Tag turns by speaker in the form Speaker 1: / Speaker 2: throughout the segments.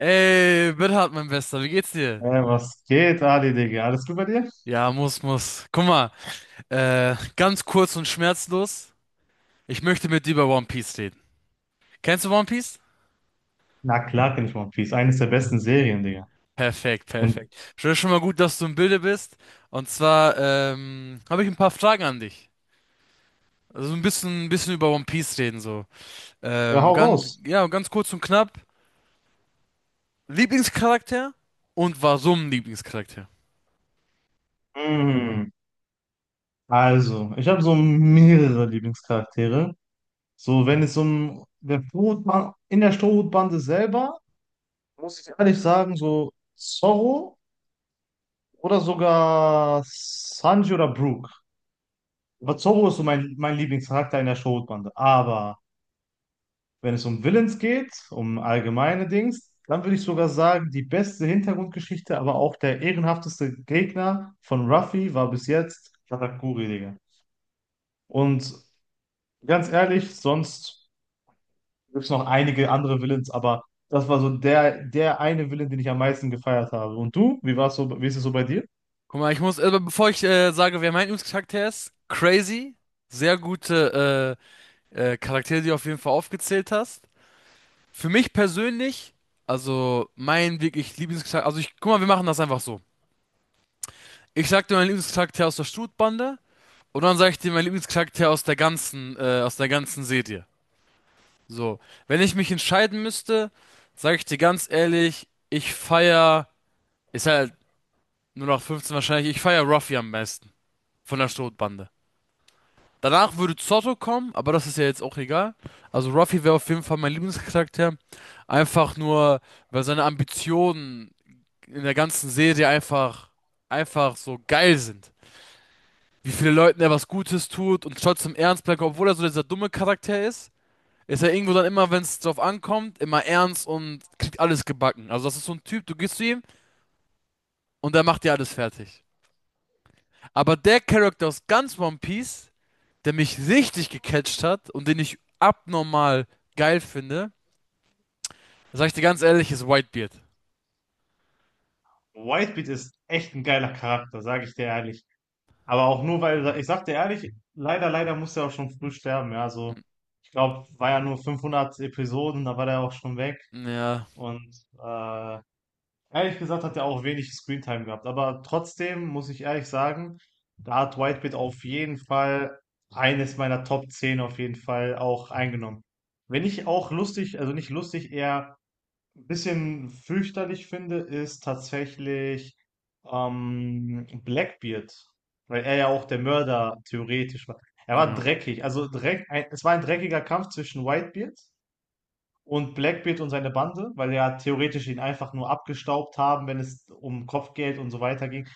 Speaker 1: Ey, Bernhard, mein Bester, wie geht's dir?
Speaker 2: Hey, was geht, Ali, Digga? Alles gut bei dir?
Speaker 1: Ja, muss. Guck mal, ganz kurz und schmerzlos. Ich möchte mit dir über One Piece reden. Kennst du One Piece?
Speaker 2: Na klar kenn ich One Piece. Eines der besten Serien, Digga.
Speaker 1: Perfekt,
Speaker 2: Und
Speaker 1: perfekt. Schon mal gut, dass du im Bilde bist. Und zwar, habe ich ein paar Fragen an dich. Also ein bisschen über One Piece reden, so.
Speaker 2: ja, hau
Speaker 1: Ganz,
Speaker 2: raus.
Speaker 1: ja, ganz kurz und knapp. Lieblingscharakter und warum Lieblingscharakter?
Speaker 2: Mm. Also, ich habe so mehrere Lieblingscharaktere. So, wenn es um der Strohhutbande, in der Strohhutbande selber, muss ich ehrlich sagen, so Zorro oder sogar Sanji oder Brooke. Aber Zorro ist so mein Lieblingscharakter in der Strohhutbande. Aber wenn es um Villains geht, um allgemeine Dings, dann würde ich sogar sagen, die beste Hintergrundgeschichte, aber auch der ehrenhafteste Gegner von Ruffy war bis jetzt Katakuri, Digga. Und ganz ehrlich, sonst gibt es noch einige andere Villains, aber das war so der eine Villain, den ich am meisten gefeiert habe. Und du, wie war's so, wie ist es so bei dir?
Speaker 1: Guck mal, ich muss, bevor ich sage, wer mein Lieblingscharakter ist, Crazy, sehr gute Charaktere, die du auf jeden Fall aufgezählt hast. Für mich persönlich, also mein wirklich Lieblingscharakter, also ich, guck mal, wir machen das einfach so. Ich sag dir meinen Lieblingscharakter aus der Strutbande und dann sag ich dir meinen Lieblingscharakter aus der ganzen Serie. So, wenn ich mich entscheiden müsste, sage ich dir ganz ehrlich, ich feier, ist halt nur noch 15 wahrscheinlich, ich feier Ruffy am besten von der Strutbande. Danach würde Zotto kommen, aber das ist ja jetzt auch egal. Also Ruffy wäre auf jeden Fall mein Lieblingscharakter. Einfach nur, weil seine Ambitionen in der ganzen Serie einfach so geil sind. Wie viele Leuten er was Gutes tut und trotzdem ernst bleibt, obwohl er so dieser dumme Charakter ist, ist er irgendwo dann immer, wenn es drauf ankommt, immer ernst und kriegt alles gebacken. Also das ist so ein Typ, du gehst zu ihm und er macht dir alles fertig. Aber der Charakter aus ganz One Piece, der mich richtig gecatcht hat und den ich abnormal geil finde, sag ich dir ganz ehrlich, ist Whitebeard.
Speaker 2: Whitebeard ist echt ein geiler Charakter, sage ich dir ehrlich. Aber auch nur, weil, ich sag dir ehrlich, leider musste er auch schon früh sterben, ja, also
Speaker 1: N-
Speaker 2: ich glaube, war ja nur 500 Episoden, da war der auch schon weg.
Speaker 1: Ja,
Speaker 2: Und äh, ehrlich gesagt hat er auch wenig Screentime gehabt. Aber trotzdem muss ich ehrlich sagen, da hat Whitebeard auf jeden Fall eines meiner Top 10 auf jeden Fall auch eingenommen. Wenn nicht auch lustig, also nicht lustig, eher ein bisschen fürchterlich finde, ist tatsächlich Blackbeard, weil er ja auch der Mörder theoretisch war. Er war
Speaker 1: ja.
Speaker 2: dreckig, es war ein dreckiger Kampf zwischen Whitebeard und Blackbeard und seine Bande, weil ja theoretisch ihn einfach nur abgestaubt haben, wenn es um Kopfgeld und so weiter ging.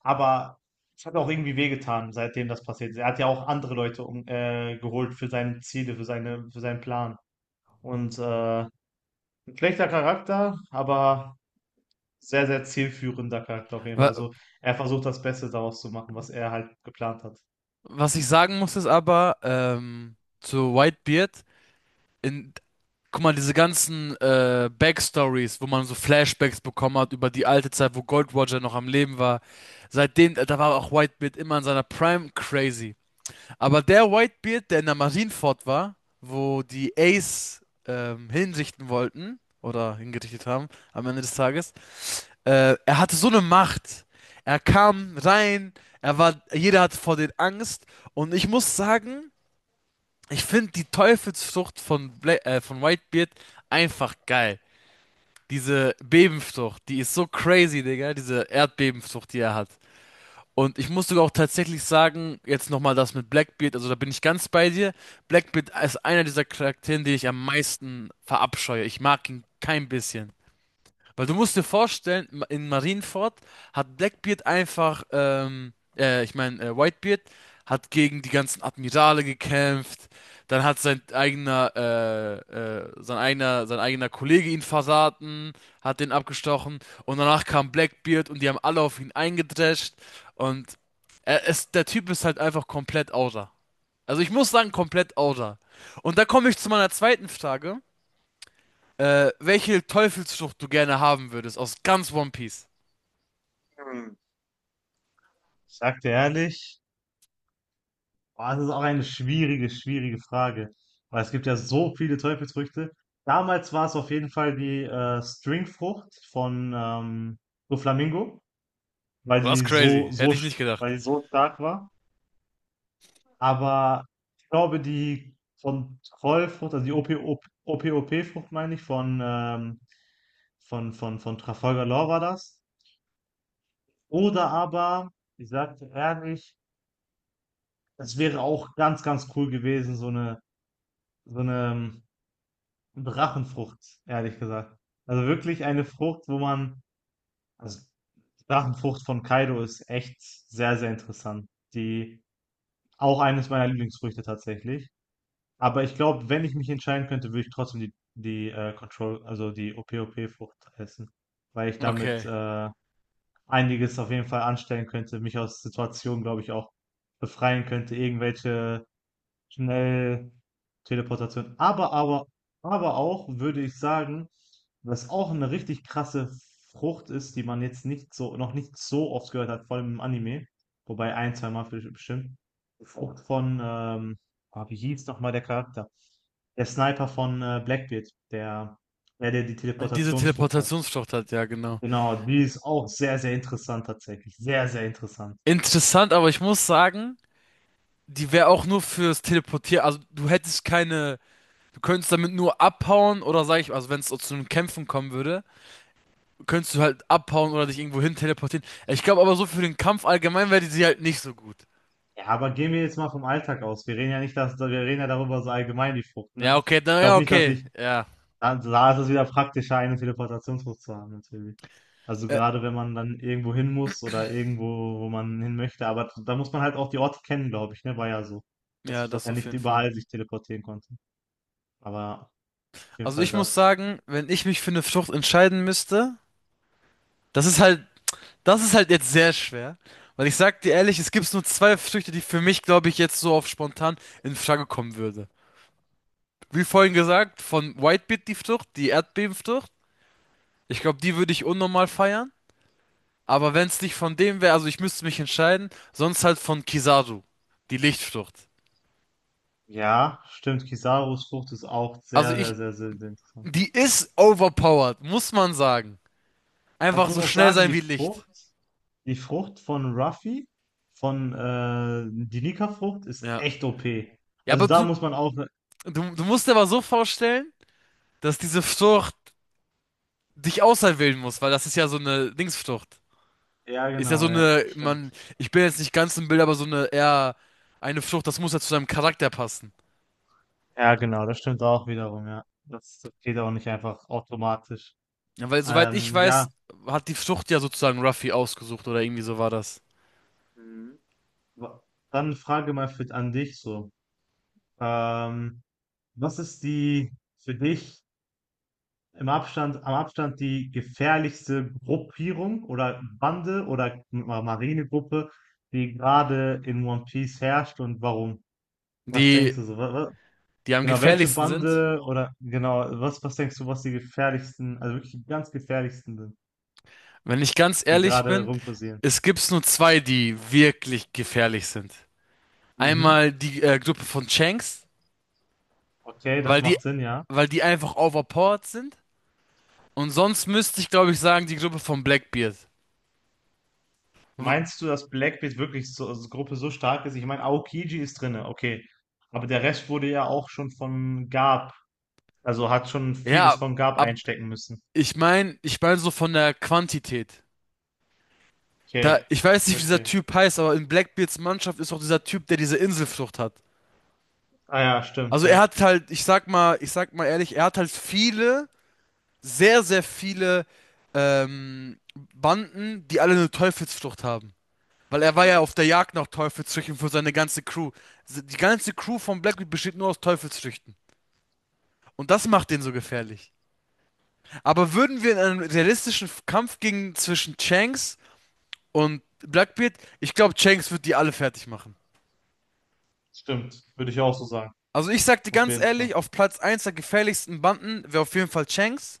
Speaker 2: Aber es hat auch irgendwie wehgetan, seitdem das passiert ist. Er hat ja auch andere Leute geholt für seine Ziele, für für seinen Plan. Und ein schlechter Charakter, aber sehr, sehr zielführender Charakter auf jeden Fall.
Speaker 1: Wa-
Speaker 2: Also er versucht das Beste daraus zu machen, was er halt geplant hat.
Speaker 1: Was ich sagen muss, ist aber, zu Whitebeard, in, guck mal, diese ganzen Backstories, wo man so Flashbacks bekommen hat über die alte Zeit, wo Gold Roger noch am Leben war, seitdem, da war auch Whitebeard immer in seiner Prime crazy. Aber der Whitebeard, der in der Marineford war, wo die Ace hinrichten wollten oder hingerichtet haben am Ende des Tages, er hatte so eine Macht. Er kam rein, er war, jeder hatte vor den Angst und ich muss sagen, ich finde die Teufelsfrucht von Bla von Whitebeard einfach geil. Diese Bebenfrucht, die ist so crazy, Digga, diese Erdbebenfrucht, die er hat. Und ich muss sogar auch tatsächlich sagen, jetzt nochmal das mit Blackbeard, also da bin ich ganz bei dir. Blackbeard ist einer dieser Charaktere, die ich am meisten verabscheue. Ich mag ihn kein bisschen. Weil du musst dir vorstellen, in Marienford hat Blackbeard einfach, ich meine, Whitebeard hat gegen die ganzen Admirale gekämpft. Dann hat sein eigener, sein eigener Kollege ihn verraten, hat den abgestochen. Und danach kam Blackbeard und die haben alle auf ihn eingedrescht. Und er ist, der Typ ist halt einfach komplett outer. Also ich muss sagen, komplett outer. Und da komme ich zu meiner zweiten Frage. Welche Teufelsfrucht du gerne haben würdest aus ganz One Piece?
Speaker 2: Hm. Ich sag dir ehrlich, boah, das ist auch eine schwierige, schwierige Frage, weil es gibt ja so viele Teufelsfrüchte. Damals war es auf jeden Fall die Stringfrucht von Doflamingo,
Speaker 1: Oh,
Speaker 2: weil
Speaker 1: das ist
Speaker 2: die so,
Speaker 1: crazy.
Speaker 2: so,
Speaker 1: Hätte ich
Speaker 2: sch-
Speaker 1: nicht gedacht.
Speaker 2: weil die so stark war. Aber ich glaube, die Kontrollfrucht, also die OPOP-Frucht, meine ich, von Trafalgar Law war das. Oder aber, ich sage dir ehrlich, es wäre auch ganz, ganz cool gewesen, so eine Drachenfrucht, ehrlich gesagt. Also wirklich eine Frucht, also die Drachenfrucht von Kaido ist echt sehr, sehr interessant. Die, auch eines meiner Lieblingsfrüchte tatsächlich. Aber ich glaube, wenn ich mich entscheiden könnte, würde ich trotzdem die Control, also die OP-OP-Frucht essen, weil ich damit
Speaker 1: Okay.
Speaker 2: einiges auf jeden Fall anstellen könnte, mich aus Situationen, glaube ich, auch befreien könnte, irgendwelche schnell Teleportation. Aber auch würde ich sagen, was auch eine richtig krasse Frucht ist, die man jetzt nicht so, noch nicht so oft gehört hat, vor allem im Anime. Wobei ein, zwei Mal vielleicht bestimmt. Die Frucht von, ah, Wie hieß nochmal der Charakter? Der Sniper von Blackbeard, der die
Speaker 1: Und diese
Speaker 2: Teleportationsfrucht hat.
Speaker 1: Teleportationsfrucht hat, ja, genau.
Speaker 2: Genau, die ist auch sehr, sehr interessant tatsächlich. Sehr, sehr interessant.
Speaker 1: Interessant, aber ich muss sagen, die wäre auch nur fürs Teleportieren. Also, du hättest keine. Du könntest damit nur abhauen oder sag ich, also wenn es so zu einem Kämpfen kommen würde, könntest du halt abhauen oder dich irgendwo hin teleportieren. Ich glaube aber so für den Kampf allgemein wäre die sie halt nicht so gut.
Speaker 2: Ja, aber gehen wir jetzt mal vom Alltag aus. Wir reden ja nicht, dass, Wir reden ja darüber so allgemein die Frucht,
Speaker 1: Ja,
Speaker 2: ne?
Speaker 1: okay,
Speaker 2: Ich
Speaker 1: dann, ja,
Speaker 2: glaube nicht,
Speaker 1: okay. Ja.
Speaker 2: da ist es wieder praktischer, eine Teleportationsfrucht zu haben, natürlich. Also
Speaker 1: Äh,
Speaker 2: gerade wenn man dann irgendwo hin muss oder irgendwo, wo man hin möchte, aber da muss man halt auch die Orte kennen, glaube ich, ne? War ja so, dass,
Speaker 1: ja,
Speaker 2: dass
Speaker 1: das
Speaker 2: er
Speaker 1: auf
Speaker 2: nicht
Speaker 1: jeden Fall.
Speaker 2: überall sich teleportieren konnte. Aber auf jeden
Speaker 1: Also
Speaker 2: Fall
Speaker 1: ich muss
Speaker 2: das.
Speaker 1: sagen, wenn ich mich für eine Frucht entscheiden müsste, das ist halt, das ist halt jetzt sehr schwer. Weil ich sag dir ehrlich, es gibt nur zwei Früchte, die für mich, glaube ich, jetzt so auf spontan in Frage kommen würde. Wie vorhin gesagt, von Whitebeet die Frucht, die Erdbebenfrucht. Ich glaube, die würde ich unnormal feiern. Aber wenn es nicht von dem wäre, also ich müsste mich entscheiden, sonst halt von Kizaru, die Lichtfrucht.
Speaker 2: Ja, stimmt, Kisarus Frucht ist auch
Speaker 1: Also
Speaker 2: sehr, sehr,
Speaker 1: ich,
Speaker 2: sehr, sehr, sehr interessant.
Speaker 1: die ist overpowered, muss man sagen.
Speaker 2: Aber ich
Speaker 1: Einfach
Speaker 2: muss
Speaker 1: so
Speaker 2: auch
Speaker 1: schnell
Speaker 2: sagen,
Speaker 1: sein
Speaker 2: die
Speaker 1: wie Licht.
Speaker 2: Frucht, die Frucht von Ruffy, von die Nika-Frucht, ist
Speaker 1: Ja.
Speaker 2: echt OP.
Speaker 1: Ja,
Speaker 2: Also
Speaker 1: aber
Speaker 2: da
Speaker 1: du,
Speaker 2: muss man auch,
Speaker 1: Du musst dir aber so vorstellen, dass diese Frucht dich auserwählen muss, weil das ist ja so eine Dingsfrucht.
Speaker 2: ja
Speaker 1: Ist ja so
Speaker 2: genau, ja,
Speaker 1: eine, man,
Speaker 2: stimmt.
Speaker 1: ich bin jetzt nicht ganz im Bild, aber so eine eher eine Frucht, das muss ja zu deinem Charakter passen.
Speaker 2: Ja genau, das stimmt auch wiederum, ja. Das geht auch nicht einfach automatisch.
Speaker 1: Ja, weil soweit ich
Speaker 2: Ja.
Speaker 1: weiß, hat die Frucht ja sozusagen Ruffy ausgesucht oder irgendwie so war das.
Speaker 2: Mhm. wa- dann Frage mal an dich so. Ähm, Was ist die für dich am Abstand die gefährlichste Gruppierung oder Bande oder Marinegruppe, die gerade in One Piece herrscht und warum? Was
Speaker 1: Die,
Speaker 2: denkst du so?
Speaker 1: die am
Speaker 2: Genau, welche
Speaker 1: gefährlichsten sind.
Speaker 2: Bande oder genau, was denkst du, was die gefährlichsten, also wirklich die ganz gefährlichsten sind,
Speaker 1: Wenn ich ganz
Speaker 2: die
Speaker 1: ehrlich
Speaker 2: gerade
Speaker 1: bin,
Speaker 2: rumkursieren?
Speaker 1: es gibt nur zwei, die wirklich gefährlich sind.
Speaker 2: Mhm.
Speaker 1: Einmal die Gruppe von Shanks,
Speaker 2: Okay,
Speaker 1: weil
Speaker 2: das
Speaker 1: die,
Speaker 2: macht Sinn, ja.
Speaker 1: weil die einfach overpowered sind. Und sonst müsste ich, glaube ich, sagen, die Gruppe von Blackbeard. W-
Speaker 2: Meinst du, dass Blackbeard wirklich so als Gruppe so stark ist? Ich meine, Aokiji ist drinne, okay. Aber der Rest wurde ja auch schon von Garp. Also hat schon vieles
Speaker 1: Ja,
Speaker 2: von Gab
Speaker 1: ab,
Speaker 2: einstecken müssen.
Speaker 1: ich meine so von der Quantität. Da,
Speaker 2: Okay,
Speaker 1: ich weiß
Speaker 2: ich
Speaker 1: nicht, wie dieser
Speaker 2: verstehe.
Speaker 1: Typ heißt, aber in Blackbeards Mannschaft ist auch dieser Typ, der diese Inselflucht hat.
Speaker 2: Ah ja, stimmt,
Speaker 1: Also er
Speaker 2: ja.
Speaker 1: hat halt, ich sag mal ehrlich, er hat halt viele, sehr, sehr viele ähm, Banden, die alle eine Teufelsflucht haben. Weil er war ja
Speaker 2: Mhm.
Speaker 1: auf der Jagd nach Teufelsfrüchten für seine ganze Crew. Die ganze Crew von Blackbeard besteht nur aus Teufelsfrüchten. Und das macht den so gefährlich. Aber würden wir in einem realistischen Kampf gegen zwischen Shanks und Blackbeard, ich glaube, Shanks wird die alle fertig machen.
Speaker 2: Stimmt. Würde ich auch so sagen.
Speaker 1: Also ich sag dir
Speaker 2: Auf
Speaker 1: ganz
Speaker 2: jeden Fall.
Speaker 1: ehrlich, auf Platz eins der gefährlichsten Banden wäre auf jeden Fall Shanks.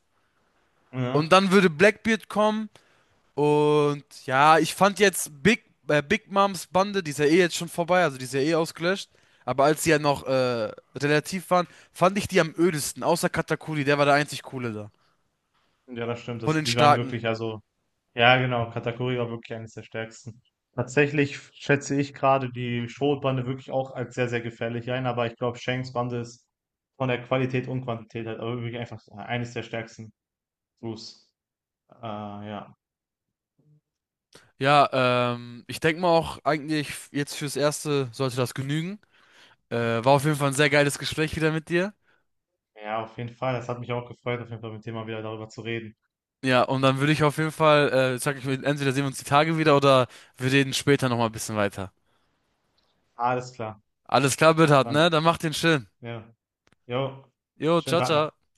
Speaker 1: Und
Speaker 2: Ja.
Speaker 1: dann würde Blackbeard kommen. Und ja, ich fand jetzt Big Moms Bande, die ist ja eh jetzt schon vorbei, also die ist ja eh ausgelöscht. Aber als sie ja noch relativ waren, fand ich die am ödesten, außer Katakuri, der war der einzig coole da.
Speaker 2: Ja, das stimmt.
Speaker 1: Von den
Speaker 2: Die waren
Speaker 1: Starken.
Speaker 2: wirklich, also, ja, genau, Katakuri war wirklich eines der stärksten. Tatsächlich schätze ich gerade die Schrotbande wirklich auch als sehr, sehr gefährlich ein, aber ich glaube, Shanks Bande ist von der Qualität und Quantität halt aber wirklich einfach eines der stärksten Crews. Ja.
Speaker 1: Ja, ich denke mal auch eigentlich jetzt fürs Erste sollte das genügen. Äh, War auf jeden Fall ein sehr geiles Gespräch wieder mit dir.
Speaker 2: Ja, auf jeden Fall. Das hat mich auch gefreut, auf jeden Fall mit dem mal wieder darüber zu reden.
Speaker 1: Ja, und dann würde ich auf jeden Fall, sag ich mir, entweder sehen wir uns die Tage wieder oder wir reden später nochmal ein bisschen weiter.
Speaker 2: Alles klar.
Speaker 1: Alles klar, Bernhard, ne?
Speaker 2: Dann.
Speaker 1: Dann mach den schön.
Speaker 2: Ja. Jo.
Speaker 1: Jo,
Speaker 2: Schönen
Speaker 1: ciao,
Speaker 2: Tag noch.
Speaker 1: ciao.